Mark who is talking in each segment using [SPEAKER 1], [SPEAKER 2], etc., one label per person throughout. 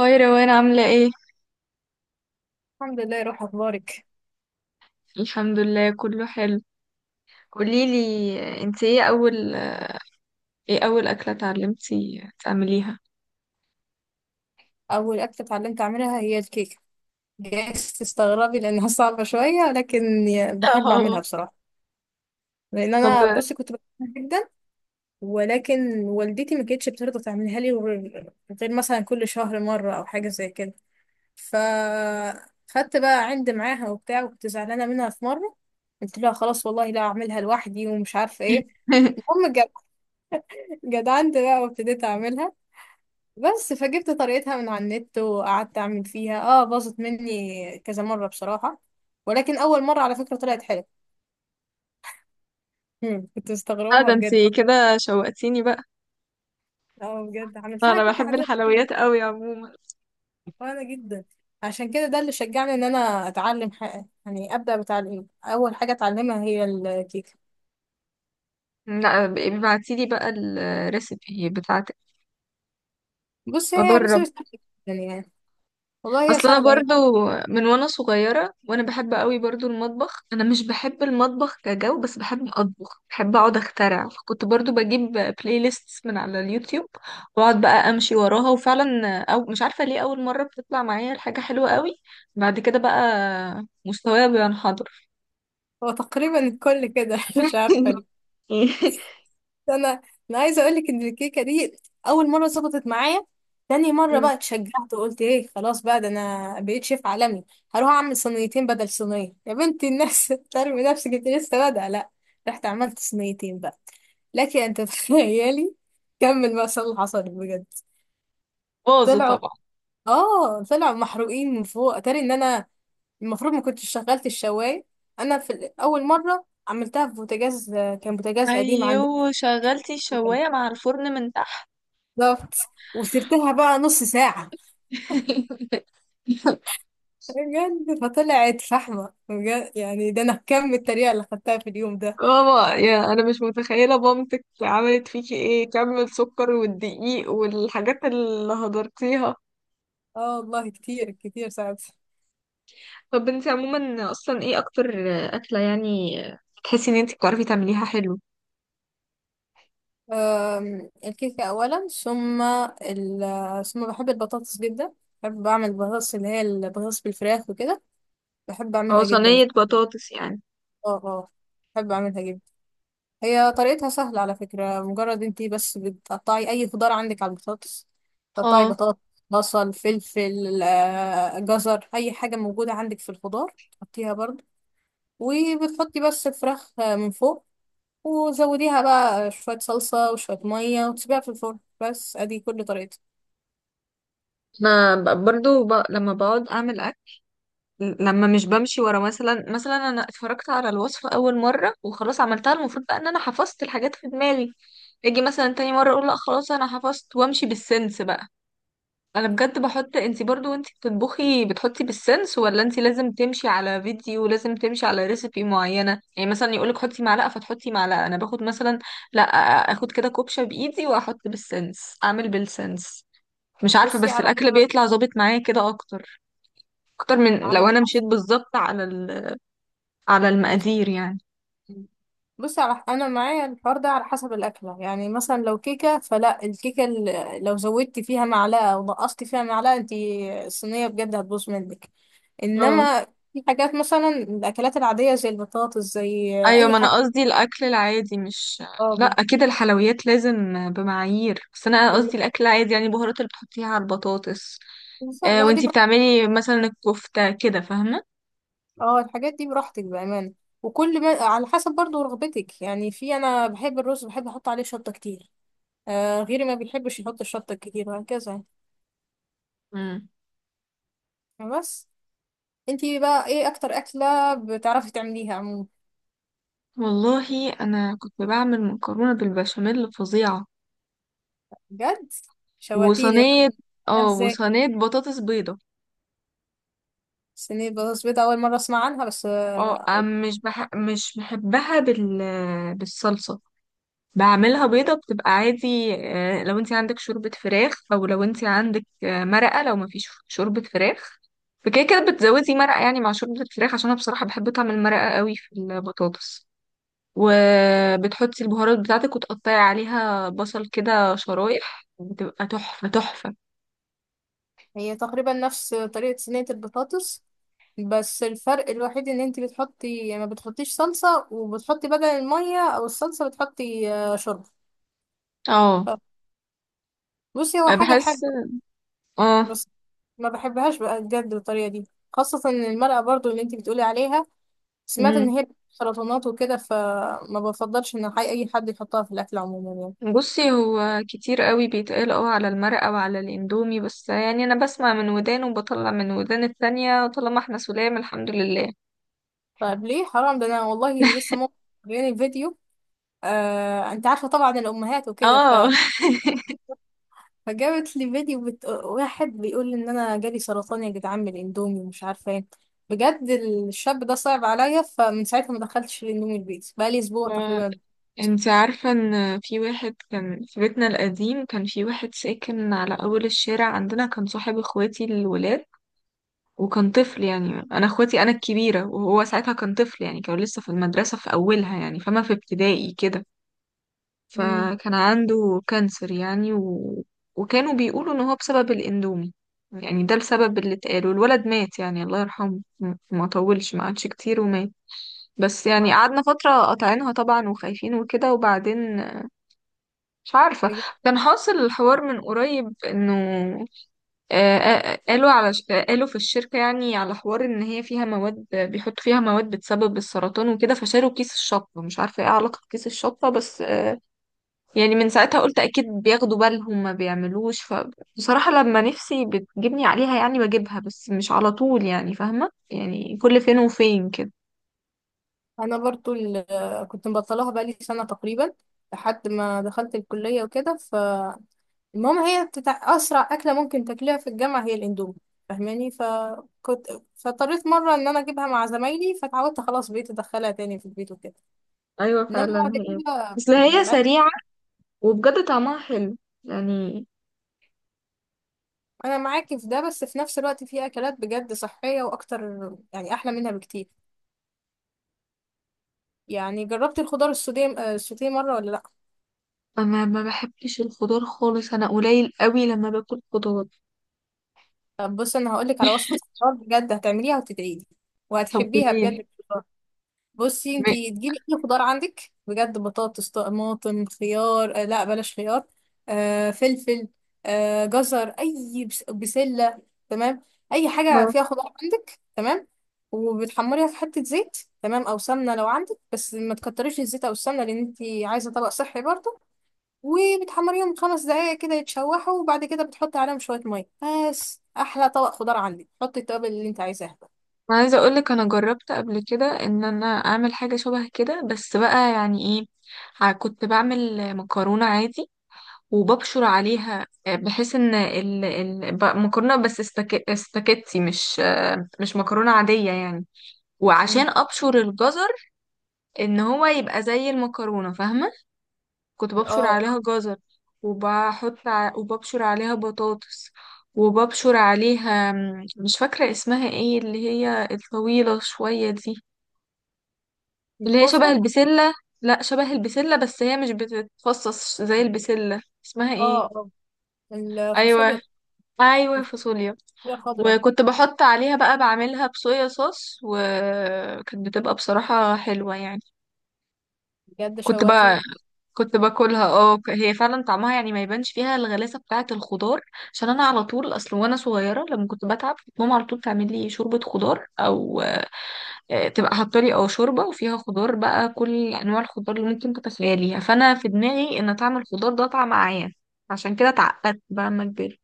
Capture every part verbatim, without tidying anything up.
[SPEAKER 1] هاي روان عاملة ايه؟
[SPEAKER 2] الحمد لله، روح اخبارك؟
[SPEAKER 1] الحمد لله كله حلو. قوليلي، انت ايه أول ايه أول أكلة اتعلمتي تعمليها؟
[SPEAKER 2] اول اكله اتعلمت اعملها هي الكيكه. جايز تستغربي لانها صعبه شويه، لكن ي- بحب
[SPEAKER 1] اه.
[SPEAKER 2] اعملها بصراحه. لان
[SPEAKER 1] طب
[SPEAKER 2] انا بصي كنت بحبها جدا. ولكن والدتي ما كانتش بترضى تعملها لي غير غير مثلا كل شهر مره او حاجه زي كده. ف خدت بقى عند معاها وبتاع، وكنت زعلانه منها في مره، قلت لها خلاص والله لا اعملها لوحدي ومش عارفه ايه. المهم جد- جدعنت بقى وابتديت اعملها. بس فجبت طريقتها من على النت وقعدت اعمل فيها، اه باظت مني كذا مرة بصراحة، ولكن اول مرة على فكرة طلعت حلوة. مم، كنت
[SPEAKER 1] اه،
[SPEAKER 2] مستغرباها
[SPEAKER 1] ده انت
[SPEAKER 2] بجد.
[SPEAKER 1] كده شوقتيني بقى.
[SPEAKER 2] اه بجد عملتها
[SPEAKER 1] أنا
[SPEAKER 2] كيكة
[SPEAKER 1] بحب
[SPEAKER 2] عادية
[SPEAKER 1] الحلويات قوي عموما.
[SPEAKER 2] صغيرة جدا. عشان كده ده اللي شجعني ان انا اتعلم حاجة، يعني ابدا بتعليم اول حاجة اتعلمها هي الكيكة.
[SPEAKER 1] لا، ابعتيلي بقى الريسيبي بتاعتك،
[SPEAKER 2] بص هي
[SPEAKER 1] أجرب.
[SPEAKER 2] ريسبي سهلة جدا يعني. والله هي
[SPEAKER 1] اصل انا
[SPEAKER 2] سهلة هي.
[SPEAKER 1] برضو من وانا صغيره وانا بحب قوي برضو المطبخ، انا مش بحب المطبخ كجو بس بحب اطبخ، بحب اقعد اخترع، فكنت برضو بجيب بلاي ليست من على اليوتيوب واقعد بقى امشي وراها، وفعلا او مش عارفه ليه اول مره بتطلع معايا الحاجه حلوه قوي. بعد كده بقى مستواي بينحدر.
[SPEAKER 2] هو تقريبا الكل كده مش عارفة ليه. انا انا عايزه اقول لك ان الكيكه دي اول مره ظبطت معايا. تاني مره
[SPEAKER 1] مم.
[SPEAKER 2] بقى اتشجعت وقلت ايه، خلاص بقى ده انا بقيت شيف عالمي، هروح اعمل صينيتين بدل صينيه. يا بنتي الناس ترمي نفسك، انت لسه بادئه لا. رحت عملت صينيتين بقى، لكن انت تخيلي كمل بقى اللي حصل بجد.
[SPEAKER 1] باظوا
[SPEAKER 2] طلعوا
[SPEAKER 1] طبعا.
[SPEAKER 2] اه طلعوا محروقين من فوق. اتاري ان انا المفروض ما كنتش شغلت الشوايه. انا في ال- اول مره عملتها في بوتاجاز، كان بوتاجاز قديم عندنا.
[SPEAKER 1] ايوه شغلتي الشوايه مع الفرن من تحت.
[SPEAKER 2] بالظبط. وسبتها بقى نص ساعة، بجد فطلعت فحمة بجد. يعني ده أنا كم التريقة اللي خدتها في اليوم ده.
[SPEAKER 1] ماما، يا انا مش متخيله مامتك عملت فيكي ايه، كم السكر والدقيق والحاجات اللي هدرتيها.
[SPEAKER 2] اه والله كتير كتير ساعتها.
[SPEAKER 1] طب انت عموما اصلا ايه اكتر اكله يعني تحسي ان انت بتعرفي تعمليها حلو؟
[SPEAKER 2] أم، الكيكة أولا، ثم ال- ثم بحب البطاطس جدا. بحب أعمل بطاطس اللي هي البطاطس بالفراخ وكده. بحب
[SPEAKER 1] او
[SPEAKER 2] أعملها جدا.
[SPEAKER 1] صينيه بطاطس يعني؟
[SPEAKER 2] اه، اه، بحب أعملها جدا. هي طريقتها سهلة على فكرة، مجرد انتي بس بتقطعي أي خضار عندك على البطاطس. تقطعي
[SPEAKER 1] اه،
[SPEAKER 2] بطاطس، بصل، فلفل، آه، جزر، أي حاجة موجودة عندك في الخضار تحطيها برضه. وبتحطي بس الفراخ آه، من فوق. وزوديها بقى شوية صلصة وشوية مية وتسيبيها في الفرن، بس أدي كل طريقتها.
[SPEAKER 1] انا ب- برضو ب... لما بقعد اعمل اكل، لما مش بمشي ورا، مثلا مثلا انا اتفرجت على الوصفه اول مره وخلاص عملتها، المفروض بقى ان انا حفظت الحاجات في دماغي. اجي مثلا تاني مره اقول لا خلاص انا حفظت وامشي بالسنس بقى. انا بجد بحط، انتي برضو وانتي بتطبخي بتحطي بالسنس، ولا انتي لازم تمشي على فيديو ولازم تمشي على ريسيبي معينة يعني مثلا يقولك حطي معلقة فتحطي معلقة؟ انا باخد مثلا، لا، اخد كده كوبشة بايدي واحط بالسنس، اعمل بالسنس. مش عارفة
[SPEAKER 2] بصي
[SPEAKER 1] بس
[SPEAKER 2] على
[SPEAKER 1] الاكل بيطلع ظابط معايا كده اكتر، اكتر من
[SPEAKER 2] على
[SPEAKER 1] لو انا مشيت بالظبط على ال... على
[SPEAKER 2] حسب
[SPEAKER 1] المقادير يعني.
[SPEAKER 2] بصي على انا معايا الحوار ده على حسب الاكله. يعني مثلا لو كيكه، فلا الكيكه، ال- لو زودتي فيها معلقه او نقصتي فيها معلقه انت الصينيه بجد هتبوظ منك. انما في حاجات مثلا الاكلات العاديه، زي البطاطس، زي
[SPEAKER 1] ايوه،
[SPEAKER 2] اي
[SPEAKER 1] ما انا
[SPEAKER 2] حاجه.
[SPEAKER 1] قصدي الاكل العادي، مش... لا
[SPEAKER 2] اه
[SPEAKER 1] اكيد الحلويات لازم بمعايير، بس انا قصدي الاكل العادي، يعني البهارات اللي بتحطيها على البطاطس.
[SPEAKER 2] المكسوسه
[SPEAKER 1] آه،
[SPEAKER 2] لا دي
[SPEAKER 1] وانتي
[SPEAKER 2] براحتك.
[SPEAKER 1] بتعملي مثلا الكفتة كده، فاهمة؟
[SPEAKER 2] اه الحاجات دي براحتك بامانه، وكل ما على حسب برضو رغبتك، يعني في انا بحب الرز، بحب احط عليه شطه كتير، آه، غيري ما بيحبش يحط الشطه الكتير وهكذا.
[SPEAKER 1] مم.
[SPEAKER 2] يعني بس، انتي بقى ايه اكتر اكلة بتعرفي تعمليها عموما؟
[SPEAKER 1] والله انا كنت بعمل مكرونة بالبشاميل فظيعة.
[SPEAKER 2] بجد شواتيني بقى.
[SPEAKER 1] وصينية، اه،
[SPEAKER 2] ازاي
[SPEAKER 1] وصينية بطاطس بيضة.
[SPEAKER 2] صينية بطاطس بيضاء؟ اول مرة اسمع عنها، بس
[SPEAKER 1] اه،
[SPEAKER 2] آه،
[SPEAKER 1] أم-
[SPEAKER 2] قول-
[SPEAKER 1] مش بح... مش بحبها بال... بالصلصة. بعملها بيضة بتبقى عادي. آه، لو انت عندك شوربة فراخ، او لو انت عندك آه، مرقة لو مفيش شوربة فراخ. فكده كده بتزودي مرقة يعني مع شوربة الفراخ عشان انا بصراحة بحب طعم المرقة قوي في البطاطس. وبتحطي البهارات بتاعتك وتقطعي عليها بصل كده شرايح، بتبقى تحفة تحفة.
[SPEAKER 2] هي تقريبا نفس طريقة صينية البطاطس، بس الفرق الوحيد ان انتي بتحطي، يعني ما بتحطيش صلصة، وبتحطي بدل المية او الصلصة بتحطي آه، شوربة.
[SPEAKER 1] اه
[SPEAKER 2] ف- بصي هو حاجة
[SPEAKER 1] بحس،
[SPEAKER 2] حلوة،
[SPEAKER 1] اه.
[SPEAKER 2] بس ما بحبهاش بقى بجد بالطريقة دي، خاصة ان المرقة برضو اللي انتي بتقولي عليها، سمعت ان
[SPEAKER 1] مم.
[SPEAKER 2] هي سرطانات وكده، فما بفضلش ان حي اي حد يحطها في الاكل عموما يعني.
[SPEAKER 1] بصي، هو كتير قوي بيتقال اه على المرقة وعلى الاندومي، بس يعني انا بسمع من ودان وبطلع من ودان التانية، طالما احنا سلام الحمد لله.
[SPEAKER 2] طيب ليه، حرام، ده انا والله لسه ماما جايلي فيديو. آه انت عارفه طبعا الامهات وكده ف...
[SPEAKER 1] اه
[SPEAKER 2] فجابت لي فيديو بت... واحد بيقول ان انا جالي سرطان يا جدعان من الاندومي ومش عارفه ايه. بجد الشاب ده صعب عليا، فمن ساعتها ما دخلتش الاندومي البيت، بقالي اسبوع
[SPEAKER 1] ف-
[SPEAKER 2] تقريبا.
[SPEAKER 1] انت عارفة ان في واحد كان في بيتنا القديم، كان في واحد ساكن على اول الشارع عندنا، كان صاحب اخواتي الولاد. وكان طفل، يعني انا اخواتي انا الكبيرة وهو ساعتها كان طفل، يعني كان لسه في المدرسة في اولها يعني، فما في ابتدائي كده.
[SPEAKER 2] مم.
[SPEAKER 1] فكان عنده كانسر يعني و... وكانوا بيقولوا ان هو بسبب الاندومي، يعني ده السبب اللي اتقال. والولد مات، يعني الله يرحمه، م- ما طولش ما قعدش كتير ومات. بس يعني
[SPEAKER 2] آه.
[SPEAKER 1] قعدنا فترة قاطعينها طبعا وخايفين وكده، وبعدين مش عارفة.
[SPEAKER 2] يعني
[SPEAKER 1] كان حاصل الحوار من قريب انه آه، آه، آه، قالوا على ش- قالوا في الشركة يعني على حوار ان هي فيها مواد، بيحطوا فيها مواد بتسبب السرطان وكده، فشالوا كيس الشطة. مش عارفة ايه علاقة كيس الشطة بس آه، يعني من ساعتها قلت اكيد بياخدوا بالهم، ما بيعملوش. فبصراحة لما نفسي بتجيبني عليها يعني بجيبها، بس مش على طول يعني، فاهمة يعني كل فين وفين كده.
[SPEAKER 2] انا برضو ال- كنت مبطلاها بقالي سنه تقريبا، لحد ما دخلت الكليه وكده. ف المهم هي بتتع... اسرع اكله ممكن تاكلها في الجامعه هي الاندومي، فاهماني؟ فكنت فاضطريت مره ان انا اجيبها مع زمايلي، فتعودت خلاص بقيت ادخلها تاني في البيت وكده.
[SPEAKER 1] ايوه
[SPEAKER 2] انما
[SPEAKER 1] فعلا
[SPEAKER 2] بعد
[SPEAKER 1] هي،
[SPEAKER 2] كده
[SPEAKER 1] بس هي سريعة وبجد طعمها حلو يعني.
[SPEAKER 2] انا معاكي في ده، بس في نفس الوقت في اكلات بجد صحيه واكتر، يعني احلى منها بكتير. يعني جربتي الخضار السوتيه آه، السوتيه مره ولا لا؟
[SPEAKER 1] انا ما بحبش الخضار خالص، انا قليل قوي لما باكل خضار.
[SPEAKER 2] طب بصي، انا هقولك على وصفه خضار بجد هتعمليها وتدعيلي،
[SPEAKER 1] طب
[SPEAKER 2] وهتحبيها
[SPEAKER 1] قوليلي.
[SPEAKER 2] بجد. بصي
[SPEAKER 1] م-
[SPEAKER 2] انتي تجيبي اي خضار عندك بجد، بطاطس، طماطم، خيار، آه لا بلاش خيار. آه فلفل، آه جزر، اي بس- بسله. تمام. اي حاجه
[SPEAKER 1] آه.
[SPEAKER 2] فيها خضار عندك. تمام. وبتحمريها في حته زيت، تمام، او سمنه لو عندك، بس ما تكتريش الزيت او السمنه لان انتي عايزه طبق صحي برضه. وبتحمريهم خمس دقايق كده يتشوحوا، وبعد كده بتحطي عليهم شويه ميه، بس احلى طبق خضار عندك حطي التوابل اللي انت عايزاها بقى.
[SPEAKER 1] انا عايزه اقول لك انا جربت قبل كده ان انا اعمل حاجه شبه كده، بس بقى يعني ايه، ع- كنت بعمل مكرونه عادي وببشر عليها آه، بحيث ان ال... ال... ب- مكرونه، بس استك... استكتي مش آه، مش مكرونه عاديه يعني.
[SPEAKER 2] مم.
[SPEAKER 1] وعشان ابشر الجزر ان هو يبقى زي المكرونه، فاهمه؟ كنت ببشر
[SPEAKER 2] اه،
[SPEAKER 1] عليها جزر، وبحط ع... وببشر عليها بطاطس، وببشر عليها م، مش فاكره اسمها ايه، اللي هي الطويله شويه دي، اللي هي شبه
[SPEAKER 2] الكوسه،
[SPEAKER 1] البسله، لا شبه البسله بس هي مش بتتفصص زي البسله، اسمها
[SPEAKER 2] اه،
[SPEAKER 1] ايه؟
[SPEAKER 2] اه،
[SPEAKER 1] ايوه،
[SPEAKER 2] الفاصوليا،
[SPEAKER 1] ايوه فاصوليا.
[SPEAKER 2] طريقة خضراء.
[SPEAKER 1] وكنت بحط عليها بقى، بعملها بصويا صوص، وكانت بتبقى بصراحة حلوة يعني.
[SPEAKER 2] بجد
[SPEAKER 1] كنت
[SPEAKER 2] شوقتيني.
[SPEAKER 1] بقى كنت باكلها اه، ك- هي فعلا طعمها يعني ما يبانش فيها الغلاسة بتاعة الخضار. عشان انا على طول، اصل وانا صغيرة لما كنت بتعب كانت ماما على طول تعمل لي شوربة خضار، او آه، تبقى حاطه لي اه شوربة وفيها خضار، بقى كل انواع الخضار اللي ممكن تتخيليها. فانا في دماغي ان طعم الخضار ده طعم عيان، عشان كده اتعقدت بقى لما كبرت.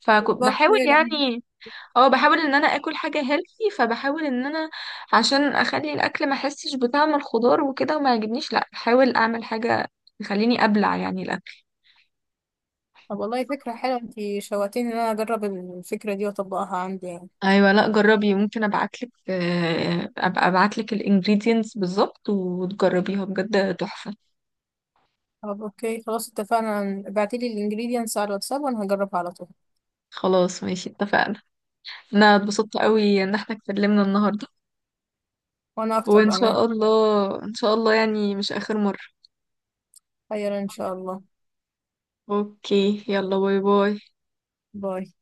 [SPEAKER 1] فكنت
[SPEAKER 2] بالظبط.
[SPEAKER 1] بحاول
[SPEAKER 2] هي لما-
[SPEAKER 1] يعني، اه بحاول ان انا اكل حاجه هيلثي، فبحاول ان انا عشان اخلي الاكل ما احسش بطعم الخضار وكده وما يعجبنيش، لا بحاول اعمل حاجه تخليني ابلع يعني الاكل.
[SPEAKER 2] طب والله فكرة حلوة، انتي شوقتيني ان انا اجرب الفكرة دي واطبقها عندي يعني.
[SPEAKER 1] ايوه، لا جربي، ممكن ابعتلك آه، ابقى ابعتلك الانجريدينتس بالظبط وتجربيها، بجد تحفه.
[SPEAKER 2] طب اوكي خلاص اتفقنا، ابعتيلي الانجريدينتس على الواتساب وانا هجربها على طول.
[SPEAKER 1] خلاص ماشي، اتفقنا. انا اتبسطت قوي ان احنا اتكلمنا النهارده،
[SPEAKER 2] وانا اكتر
[SPEAKER 1] وان
[SPEAKER 2] بامان.
[SPEAKER 1] شاء الله ان شاء الله يعني مش اخر مره.
[SPEAKER 2] خير ان شاء الله.
[SPEAKER 1] اوكي، يلا باي باي.
[SPEAKER 2] باي.